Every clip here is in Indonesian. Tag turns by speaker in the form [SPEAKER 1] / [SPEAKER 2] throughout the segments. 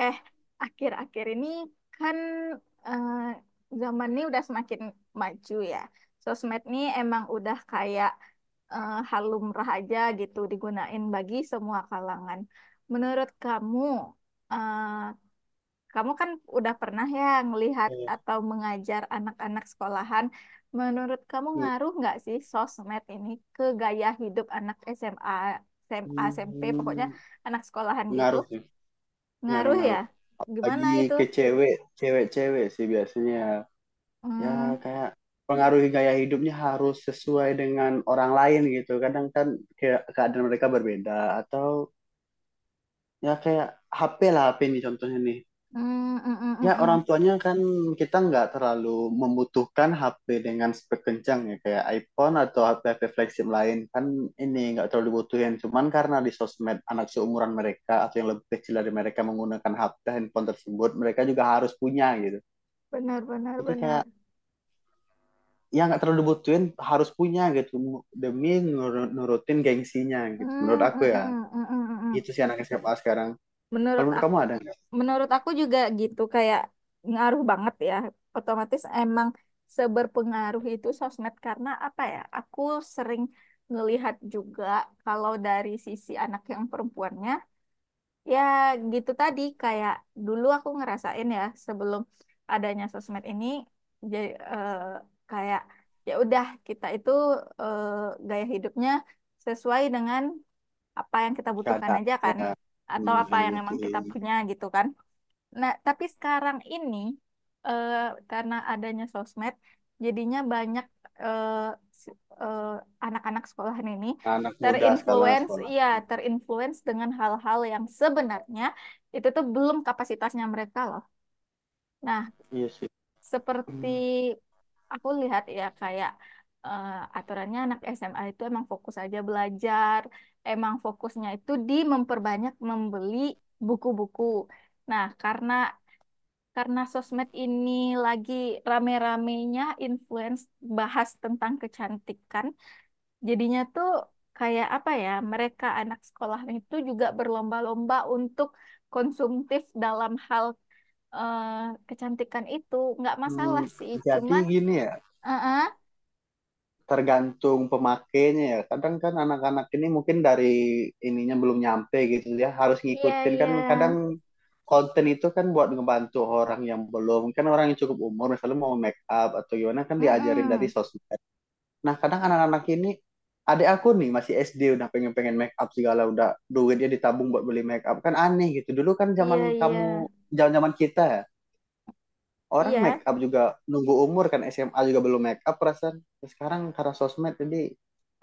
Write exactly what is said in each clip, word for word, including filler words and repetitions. [SPEAKER 1] Eh, Akhir-akhir ini kan eh, zaman ini udah semakin maju ya. Sosmed nih emang udah kayak eh, hal lumrah aja gitu digunain bagi semua kalangan. Menurut kamu, eh, kamu kan udah pernah ya ngelihat
[SPEAKER 2] Iya.
[SPEAKER 1] atau mengajar anak-anak sekolahan. Menurut kamu ngaruh nggak sih sosmed ini ke gaya hidup anak S M A, S M A, S M P, pokoknya
[SPEAKER 2] Hmm,
[SPEAKER 1] anak sekolahan gitu?
[SPEAKER 2] pengaruh sih,
[SPEAKER 1] Ngaruh ya?
[SPEAKER 2] pengaruh-ngaruh. Lagi
[SPEAKER 1] Gimana itu?
[SPEAKER 2] ke cewek, cewek-cewek sih biasanya. Ya
[SPEAKER 1] Hmm,
[SPEAKER 2] kayak pengaruhi gaya hidupnya harus sesuai dengan orang lain gitu. Kadang kan kayak keadaan mereka berbeda atau ya kayak H P lah H P nih contohnya nih.
[SPEAKER 1] hmm, hmm, hmm, hmm,
[SPEAKER 2] Ya,
[SPEAKER 1] hmm.
[SPEAKER 2] orang tuanya kan kita nggak terlalu membutuhkan H P dengan spek kencang ya, kayak iPhone atau H P-H P flagship lain kan ini nggak terlalu dibutuhin. Cuman karena di sosmed anak seumuran mereka atau yang lebih kecil dari mereka menggunakan H P handphone tersebut, mereka juga harus punya gitu.
[SPEAKER 1] Benar, benar,
[SPEAKER 2] Jadi kayak
[SPEAKER 1] benar.
[SPEAKER 2] ya nggak terlalu dibutuhin harus punya gitu demi nur- nurutin gengsinya gitu. Menurut
[SPEAKER 1] Hmm,
[SPEAKER 2] aku
[SPEAKER 1] hmm,
[SPEAKER 2] ya,
[SPEAKER 1] hmm, hmm, hmm, hmm,
[SPEAKER 2] gitu
[SPEAKER 1] hmm.
[SPEAKER 2] sih anak S M A sekarang. Kalau
[SPEAKER 1] Menurut
[SPEAKER 2] menurut
[SPEAKER 1] aku,
[SPEAKER 2] kamu ada nggak
[SPEAKER 1] menurut aku juga gitu, kayak ngaruh banget ya. Otomatis emang seberpengaruh itu sosmed karena apa ya? Aku sering ngelihat juga kalau dari sisi anak yang perempuannya. Ya gitu tadi kayak dulu aku ngerasain ya sebelum adanya sosmed ini, jadi kayak ya udah kita itu eh, gaya hidupnya sesuai dengan apa yang kita butuhkan
[SPEAKER 2] keadaan
[SPEAKER 1] aja kan,
[SPEAKER 2] ya,
[SPEAKER 1] atau
[SPEAKER 2] hmm,
[SPEAKER 1] apa
[SPEAKER 2] yang
[SPEAKER 1] yang emang kita
[SPEAKER 2] dibutuhin
[SPEAKER 1] punya gitu kan. Nah, tapi sekarang ini eh, karena adanya sosmed, jadinya banyak eh, si- eh, anak-anak sekolahan ini
[SPEAKER 2] anak muda sekarang
[SPEAKER 1] terinfluence,
[SPEAKER 2] sekolah?
[SPEAKER 1] iya, terinfluence dengan hal-hal yang sebenarnya itu tuh belum kapasitasnya mereka loh. Nah,
[SPEAKER 2] Iya sih.
[SPEAKER 1] seperti aku lihat ya kayak eh, aturannya anak S M A itu emang fokus aja belajar, emang fokusnya itu di memperbanyak membeli buku-buku. Nah, karena karena sosmed ini lagi rame-ramenya influence bahas tentang kecantikan, jadinya tuh kayak apa ya, mereka anak sekolah itu juga berlomba-lomba untuk konsumtif dalam hal eh, kecantikan itu. Nggak
[SPEAKER 2] Hmm,
[SPEAKER 1] masalah sih,
[SPEAKER 2] jadi
[SPEAKER 1] cuman
[SPEAKER 2] gini ya,
[SPEAKER 1] eh, eh,
[SPEAKER 2] tergantung pemakainya ya. Kadang kan anak-anak ini mungkin dari ininya belum nyampe gitu ya, harus
[SPEAKER 1] iya
[SPEAKER 2] ngikutin
[SPEAKER 1] iya.
[SPEAKER 2] kan kadang konten itu kan buat ngebantu orang yang belum, kan orang yang cukup umur misalnya mau make up atau gimana kan diajarin dari
[SPEAKER 1] Mm-mm.
[SPEAKER 2] sosmed. Nah, kadang anak-anak ini adik aku nih masih S D udah pengen-pengen make up segala udah duitnya ditabung buat beli make up kan aneh gitu. Dulu kan zaman
[SPEAKER 1] Iya
[SPEAKER 2] kamu
[SPEAKER 1] iya,
[SPEAKER 2] zaman-zaman kita ya, orang make
[SPEAKER 1] iya
[SPEAKER 2] up juga nunggu umur kan S M A juga belum make up perasaan. Ya, sekarang karena sosmed jadi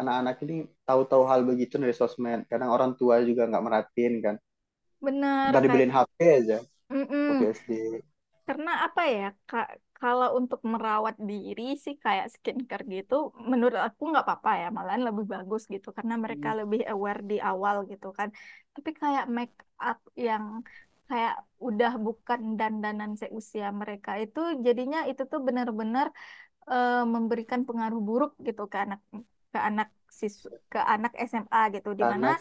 [SPEAKER 2] anak-anak ini tahu-tahu hal begitu dari sosmed kadang orang tua juga nggak merhatiin kan
[SPEAKER 1] bener
[SPEAKER 2] ntar
[SPEAKER 1] kayak.
[SPEAKER 2] dibeliin H P aja waktu
[SPEAKER 1] Mm-mm.
[SPEAKER 2] S D
[SPEAKER 1] Karena apa ya, Kak, kalau untuk merawat diri sih kayak skincare gitu, menurut aku nggak apa-apa ya, malahan lebih bagus gitu, karena mereka lebih aware di awal gitu kan. Tapi kayak make up yang kayak udah bukan dandanan seusia mereka itu, jadinya itu tuh benar-benar eh, memberikan pengaruh buruk gitu ke anak ke anak sis ke anak S M A gitu, dimana
[SPEAKER 2] anak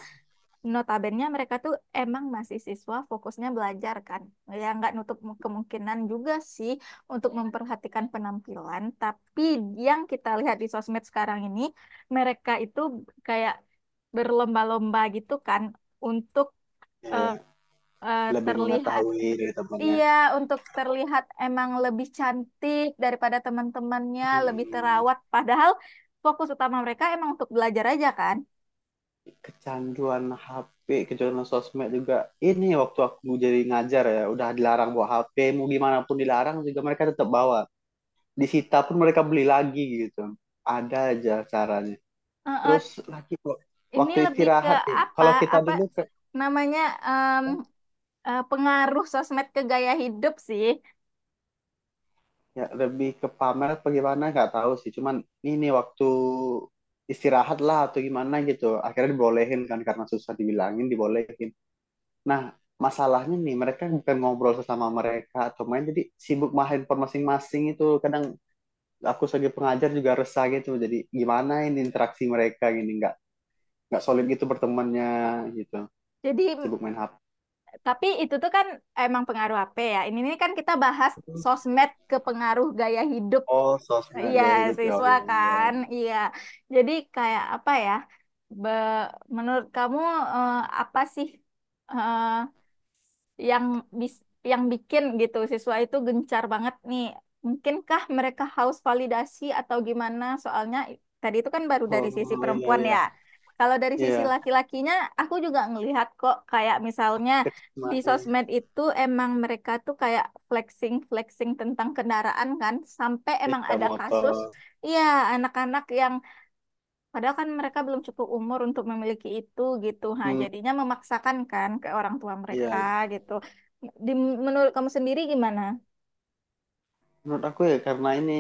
[SPEAKER 1] Notabene mereka tuh emang masih siswa fokusnya belajar kan. Ya nggak nutup kemungkinan juga sih untuk memperhatikan penampilan. Tapi yang kita lihat di sosmed sekarang ini, mereka itu kayak berlomba-lomba gitu kan untuk eh,
[SPEAKER 2] ya
[SPEAKER 1] eh,
[SPEAKER 2] lebih
[SPEAKER 1] terlihat,
[SPEAKER 2] mengetahui dari temannya.
[SPEAKER 1] iya, untuk terlihat emang lebih cantik daripada teman-temannya, lebih
[SPEAKER 2] Hmm,
[SPEAKER 1] terawat padahal fokus utama mereka emang untuk belajar aja kan.
[SPEAKER 2] kecanduan H P kecanduan sosmed juga ini waktu aku jadi ngajar ya udah dilarang bawa H P mau gimana pun dilarang juga mereka tetap bawa disita pun mereka beli lagi gitu ada aja caranya.
[SPEAKER 1] Eh,
[SPEAKER 2] Terus
[SPEAKER 1] eh,
[SPEAKER 2] lagi kok
[SPEAKER 1] Ini
[SPEAKER 2] waktu
[SPEAKER 1] lebih ke
[SPEAKER 2] istirahat nih.
[SPEAKER 1] apa?
[SPEAKER 2] Kalau kita
[SPEAKER 1] Apa
[SPEAKER 2] dulu ke,
[SPEAKER 1] namanya em, eh, pengaruh sosmed ke gaya hidup sih.
[SPEAKER 2] ya lebih ke pamer apa gimana nggak tahu sih. Cuman ini waktu istirahat lah atau gimana gitu. Akhirnya dibolehin kan karena susah dibilangin dibolehin. Nah, masalahnya nih mereka bukan ngobrol sesama mereka atau main jadi sibuk main handphone masing-masing itu kadang aku sebagai pengajar juga resah gitu jadi gimana ini interaksi mereka gini nggak nggak solid gitu bertemannya gitu
[SPEAKER 1] Jadi mm,
[SPEAKER 2] sibuk main H P.
[SPEAKER 1] tapi itu tuh kan emang pengaruh apa ya? Ini ini kan kita bahas sosmed ke pengaruh gaya hidup.
[SPEAKER 2] Oh, sosmed
[SPEAKER 1] Iya,
[SPEAKER 2] gaya hidup ya. Oh,
[SPEAKER 1] siswa
[SPEAKER 2] iya,
[SPEAKER 1] kan.
[SPEAKER 2] iya.
[SPEAKER 1] Iya. Jadi kayak apa ya? Be- Menurut kamu eh, apa sih eh, yang bis- yang bikin gitu siswa itu gencar banget nih? Mungkinkah mereka haus validasi atau gimana? Soalnya i- tadi itu kan baru dari sisi
[SPEAKER 2] Oh, iya,
[SPEAKER 1] perempuan
[SPEAKER 2] iya.
[SPEAKER 1] ya. Kalau dari sisi
[SPEAKER 2] Iya,
[SPEAKER 1] laki-lakinya, aku juga ngelihat kok kayak misalnya
[SPEAKER 2] Krisma,
[SPEAKER 1] di
[SPEAKER 2] ya.
[SPEAKER 1] sosmed itu emang mereka tuh kayak flexing flexing tentang kendaraan kan, sampai emang
[SPEAKER 2] Iya,
[SPEAKER 1] ada kasus,
[SPEAKER 2] motor.
[SPEAKER 1] iya, anak-anak yang padahal kan mereka belum cukup umur untuk memiliki itu gitu, ha,
[SPEAKER 2] Hmm,
[SPEAKER 1] jadinya memaksakan kan ke orang tua mereka
[SPEAKER 2] iya.
[SPEAKER 1] gitu. di, Menurut kamu sendiri gimana?
[SPEAKER 2] Menurut aku ya karena ini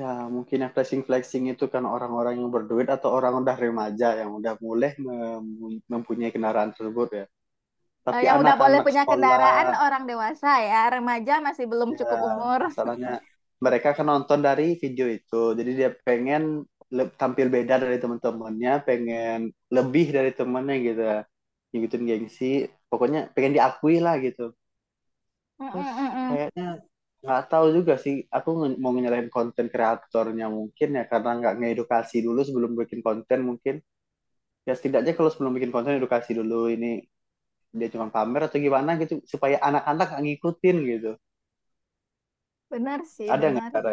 [SPEAKER 2] ya mungkin yang flexing-flexing itu kan orang-orang yang berduit atau orang udah remaja yang udah mulai mem- mempunyai kendaraan tersebut ya.
[SPEAKER 1] Eh,
[SPEAKER 2] Tapi
[SPEAKER 1] yang udah boleh
[SPEAKER 2] anak-anak
[SPEAKER 1] punya
[SPEAKER 2] sekolah
[SPEAKER 1] kendaraan orang dewasa ya, remaja masih belum
[SPEAKER 2] ya
[SPEAKER 1] cukup umur.
[SPEAKER 2] masalahnya mereka kan nonton dari video itu. Jadi dia pengen le- tampil beda dari teman-temannya, pengen lebih dari temannya gitu. Ngikutin gengsi, pokoknya pengen diakui lah gitu.
[SPEAKER 1] Mm,
[SPEAKER 2] Terus
[SPEAKER 1] mm, mm, mm.
[SPEAKER 2] kayaknya nggak tahu juga sih. Aku nge- mau nyalahin konten kreatornya mungkin ya karena nggak ngedukasi dulu sebelum bikin konten mungkin. Ya setidaknya kalau sebelum bikin konten edukasi dulu ini dia cuma pamer atau gimana gitu supaya anak-anak nggak ngikutin gitu.
[SPEAKER 1] Benar sih,
[SPEAKER 2] Ada nggak
[SPEAKER 1] benar.
[SPEAKER 2] cara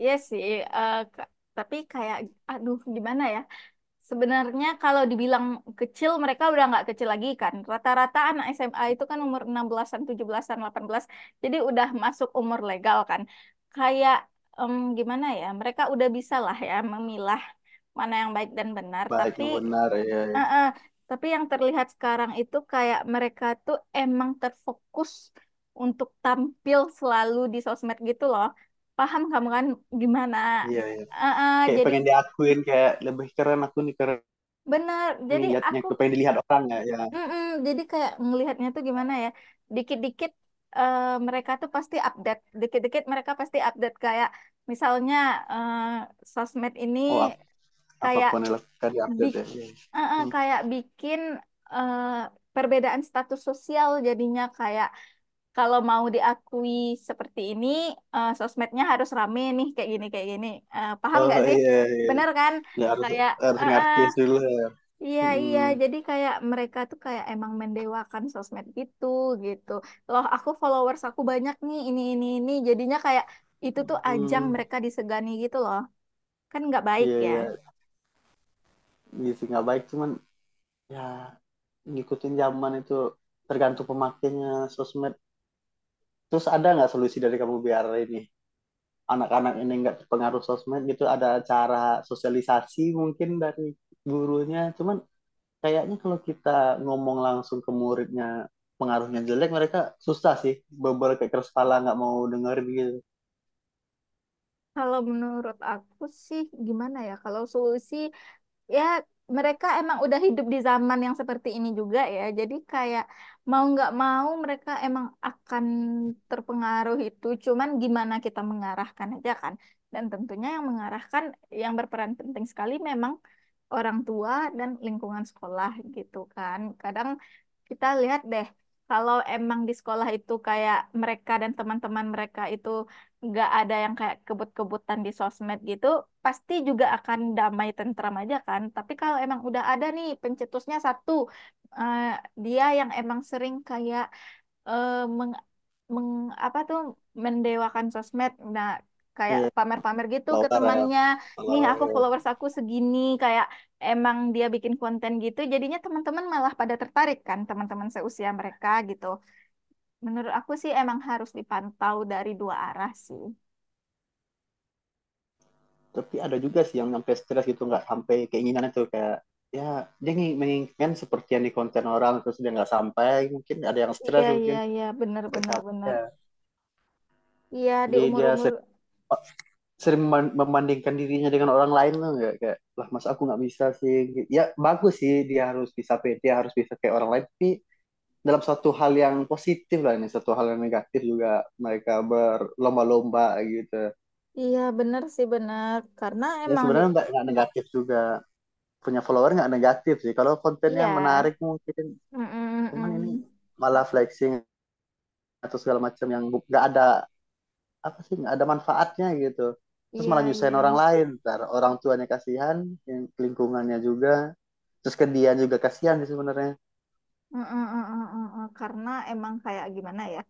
[SPEAKER 1] Iya sih, eh, ka- tapi kayak aduh gimana ya. Sebenarnya kalau dibilang kecil, mereka udah nggak kecil lagi kan. Rata-rata anak S M A itu kan umur enam belasan, tujuh belasan, delapan belas. Jadi udah masuk umur legal kan. Kayak em, gimana ya, mereka udah bisa lah ya memilah mana yang baik dan benar.
[SPEAKER 2] baik
[SPEAKER 1] Tapi
[SPEAKER 2] yang benar? Iya,
[SPEAKER 1] eh, eh, tapi yang terlihat sekarang itu kayak mereka tuh emang terfokus untuk tampil selalu di sosmed gitu loh. Paham kamu kan gimana?
[SPEAKER 2] iya, iya. Iya.
[SPEAKER 1] Eh, eh,
[SPEAKER 2] Kayak
[SPEAKER 1] jadi
[SPEAKER 2] pengen diakuin kayak lebih keren aku nih keren
[SPEAKER 1] Benar,
[SPEAKER 2] nih
[SPEAKER 1] jadi
[SPEAKER 2] liatnya
[SPEAKER 1] aku.
[SPEAKER 2] aku pengen dilihat orang ya. Ya.
[SPEAKER 1] Mm-mm. Jadi kayak ngelihatnya tuh gimana ya? Dikit-dikit eh, mereka tuh pasti update, dikit-dikit mereka pasti update kayak misalnya eh, sosmed ini
[SPEAKER 2] Oh ap-
[SPEAKER 1] kayak
[SPEAKER 2] Apapun yang dilakukan
[SPEAKER 1] bik,
[SPEAKER 2] diupdate ya. Iya.
[SPEAKER 1] eh, eh,
[SPEAKER 2] Hmm.
[SPEAKER 1] kayak bikin eh, perbedaan status sosial, jadinya kayak kalau mau diakui seperti ini, eh, sosmednya harus rame nih, kayak gini kayak gini. Eh, paham
[SPEAKER 2] Oh,
[SPEAKER 1] nggak sih?
[SPEAKER 2] iya, iya.
[SPEAKER 1] Bener kan?
[SPEAKER 2] Ya harus
[SPEAKER 1] Kayak
[SPEAKER 2] harus
[SPEAKER 1] eh, eh,
[SPEAKER 2] ngartis dulu ya.
[SPEAKER 1] iya, iya.
[SPEAKER 2] Hmm.
[SPEAKER 1] Jadi kayak mereka tuh kayak emang mendewakan sosmed gitu, gitu. Loh, aku followers aku banyak nih, ini, ini, ini. Jadinya kayak itu tuh ajang
[SPEAKER 2] Hmm,
[SPEAKER 1] mereka disegani gitu loh. Kan nggak baik
[SPEAKER 2] iya,
[SPEAKER 1] ya.
[SPEAKER 2] iya gitu nggak baik cuman ya ngikutin zaman itu tergantung pemakainya sosmed. Terus ada nggak solusi dari kamu biar ini anak-anak ini nggak terpengaruh sosmed gitu? Ada cara sosialisasi mungkin dari gurunya. Cuman kayaknya kalau kita ngomong langsung ke muridnya pengaruhnya jelek mereka susah sih. Beberapa keras kepala nggak mau dengerin gitu.
[SPEAKER 1] Kalau menurut aku sih gimana ya? Kalau solusi ya mereka emang udah hidup di zaman yang seperti ini juga ya. Jadi kayak mau nggak mau mereka emang akan terpengaruh itu. Cuman gimana kita mengarahkan aja kan. Dan tentunya yang mengarahkan, yang berperan penting sekali memang orang tua dan lingkungan sekolah gitu kan. Kadang kita lihat deh kalau emang di sekolah itu kayak mereka dan teman-teman mereka itu nggak ada yang kayak kebut-kebutan di sosmed gitu, pasti juga akan damai tentram aja kan. Tapi kalau emang udah ada nih pencetusnya satu, eh, dia yang emang sering kayak eh, meng, meng apa tuh mendewakan sosmed. Nah, kayak
[SPEAKER 2] Iya,
[SPEAKER 1] pamer-pamer gitu ke
[SPEAKER 2] kalau ya,
[SPEAKER 1] temannya,
[SPEAKER 2] kalau
[SPEAKER 1] nih aku
[SPEAKER 2] ya.
[SPEAKER 1] followers aku segini, kayak emang dia bikin konten gitu, jadinya teman-teman malah pada tertarik kan, teman-teman seusia mereka gitu. Menurut aku sih emang harus dipantau dari dua arah sih.
[SPEAKER 2] Tapi ada juga sih yang sampai stres gitu nggak sampai keinginan itu kayak ya dia ingin- menginginkan seperti yang di konten orang terus dia nggak sampai mungkin ada yang
[SPEAKER 1] Iya,
[SPEAKER 2] stres
[SPEAKER 1] iya,
[SPEAKER 2] mungkin
[SPEAKER 1] iya, benar,
[SPEAKER 2] sampai
[SPEAKER 1] benar,
[SPEAKER 2] capek.
[SPEAKER 1] benar.
[SPEAKER 2] Ya.
[SPEAKER 1] Iya, di
[SPEAKER 2] Jadi dia
[SPEAKER 1] umur-umur,
[SPEAKER 2] sering, sering membandingkan dirinya dengan orang lain tuh nggak kayak lah mas aku nggak bisa sih ya bagus sih dia harus bisa pede harus bisa kayak orang lain tapi dalam satu hal yang positif lah ini satu hal yang negatif juga mereka berlomba-lomba gitu
[SPEAKER 1] iya, benar sih, benar. Karena
[SPEAKER 2] ya
[SPEAKER 1] emang di,
[SPEAKER 2] sebenarnya nggak nggak negatif juga punya follower nggak negatif sih. Kalau kontennya menarik
[SPEAKER 1] iya.
[SPEAKER 2] mungkin,
[SPEAKER 1] Mm, mm, mm,
[SPEAKER 2] cuman ini
[SPEAKER 1] mm.
[SPEAKER 2] malah flexing atau segala macam yang nggak ada apa sih nggak ada manfaatnya gitu. Terus
[SPEAKER 1] Iya,
[SPEAKER 2] malah
[SPEAKER 1] iya.
[SPEAKER 2] nyusahin orang lain, ntar orang tuanya kasihan, yang lingkungannya juga, terus ke dia juga kasihan sih sebenarnya.
[SPEAKER 1] Mm, mm, mm, mm, mm, mm. Karena emang kayak gimana ya,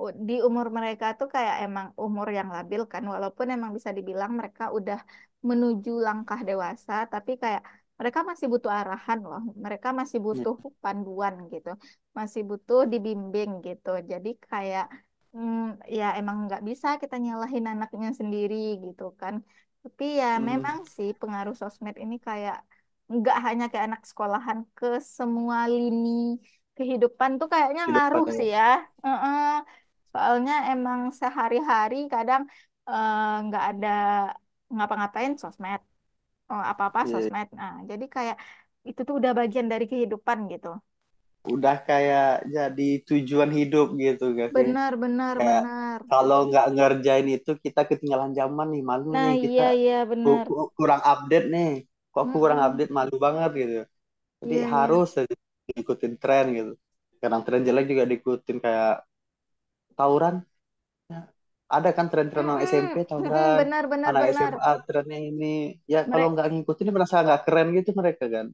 [SPEAKER 1] u- di umur mereka tuh kayak emang umur yang labil kan, walaupun emang bisa dibilang mereka udah menuju langkah dewasa, tapi kayak mereka masih butuh arahan loh, mereka masih butuh panduan gitu, masih butuh dibimbing gitu. Jadi kayak mm, ya emang nggak bisa kita nyalahin anaknya sendiri gitu kan. Tapi ya
[SPEAKER 2] Hmm,
[SPEAKER 1] memang sih pengaruh sosmed ini kayak nggak hanya ke anak sekolahan, ke semua lini kehidupan tuh kayaknya
[SPEAKER 2] hidup
[SPEAKER 1] ngaruh sih
[SPEAKER 2] katanya.
[SPEAKER 1] ya. Heeh. Soalnya emang sehari-hari kadang eh, nggak ada ngapa-ngapain sosmed, oh, apa-apa
[SPEAKER 2] Iya,
[SPEAKER 1] sosmed. Nah, jadi kayak itu tuh udah bagian dari kehidupan gitu.
[SPEAKER 2] udah kayak jadi tujuan hidup gitu gak sih?
[SPEAKER 1] Benar, benar,
[SPEAKER 2] Kayak
[SPEAKER 1] benar.
[SPEAKER 2] kalau nggak ngerjain itu kita ketinggalan zaman nih malu
[SPEAKER 1] Nah,
[SPEAKER 2] nih kita
[SPEAKER 1] iya, iya,
[SPEAKER 2] ku-
[SPEAKER 1] benar.
[SPEAKER 2] ku- kurang update nih kok aku kurang
[SPEAKER 1] Mm-mm.
[SPEAKER 2] update malu banget gitu jadi
[SPEAKER 1] Iya, iya.
[SPEAKER 2] harus aja ikutin tren gitu kadang tren jelek juga diikutin kayak tawuran. Ya, ada kan tren-tren anak S M P
[SPEAKER 1] Mm-mm. Mm-mm.
[SPEAKER 2] tawuran
[SPEAKER 1] Benar, benar,
[SPEAKER 2] anak
[SPEAKER 1] benar.
[SPEAKER 2] S M A trennya ini ya kalau
[SPEAKER 1] Mereka
[SPEAKER 2] nggak ngikutin merasa nggak keren gitu mereka kan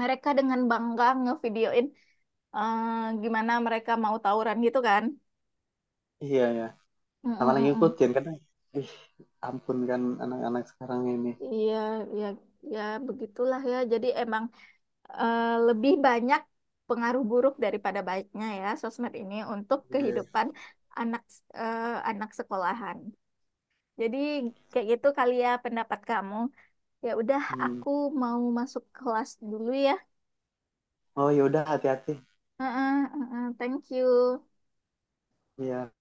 [SPEAKER 1] mereka dengan bangga ngevideoin eh, gimana mereka mau tawuran gitu kan.
[SPEAKER 2] iya ya sama
[SPEAKER 1] Mm-mm,
[SPEAKER 2] lagi
[SPEAKER 1] mm-mm.
[SPEAKER 2] ngikutin karena ih ampun kan anak-anak sekarang ini.
[SPEAKER 1] Iya, ya, ya begitulah ya. Jadi emang eh, lebih banyak pengaruh buruk daripada baiknya ya sosmed ini untuk
[SPEAKER 2] Iya.
[SPEAKER 1] kehidupan anak eh, anak sekolahan. Jadi kayak gitu kali ya pendapat kamu. Ya udah,
[SPEAKER 2] Hmm.
[SPEAKER 1] aku mau masuk kelas dulu ya.
[SPEAKER 2] Oh, yaudah, hati-hati.
[SPEAKER 1] Heeh, heeh, thank you.
[SPEAKER 2] Iya.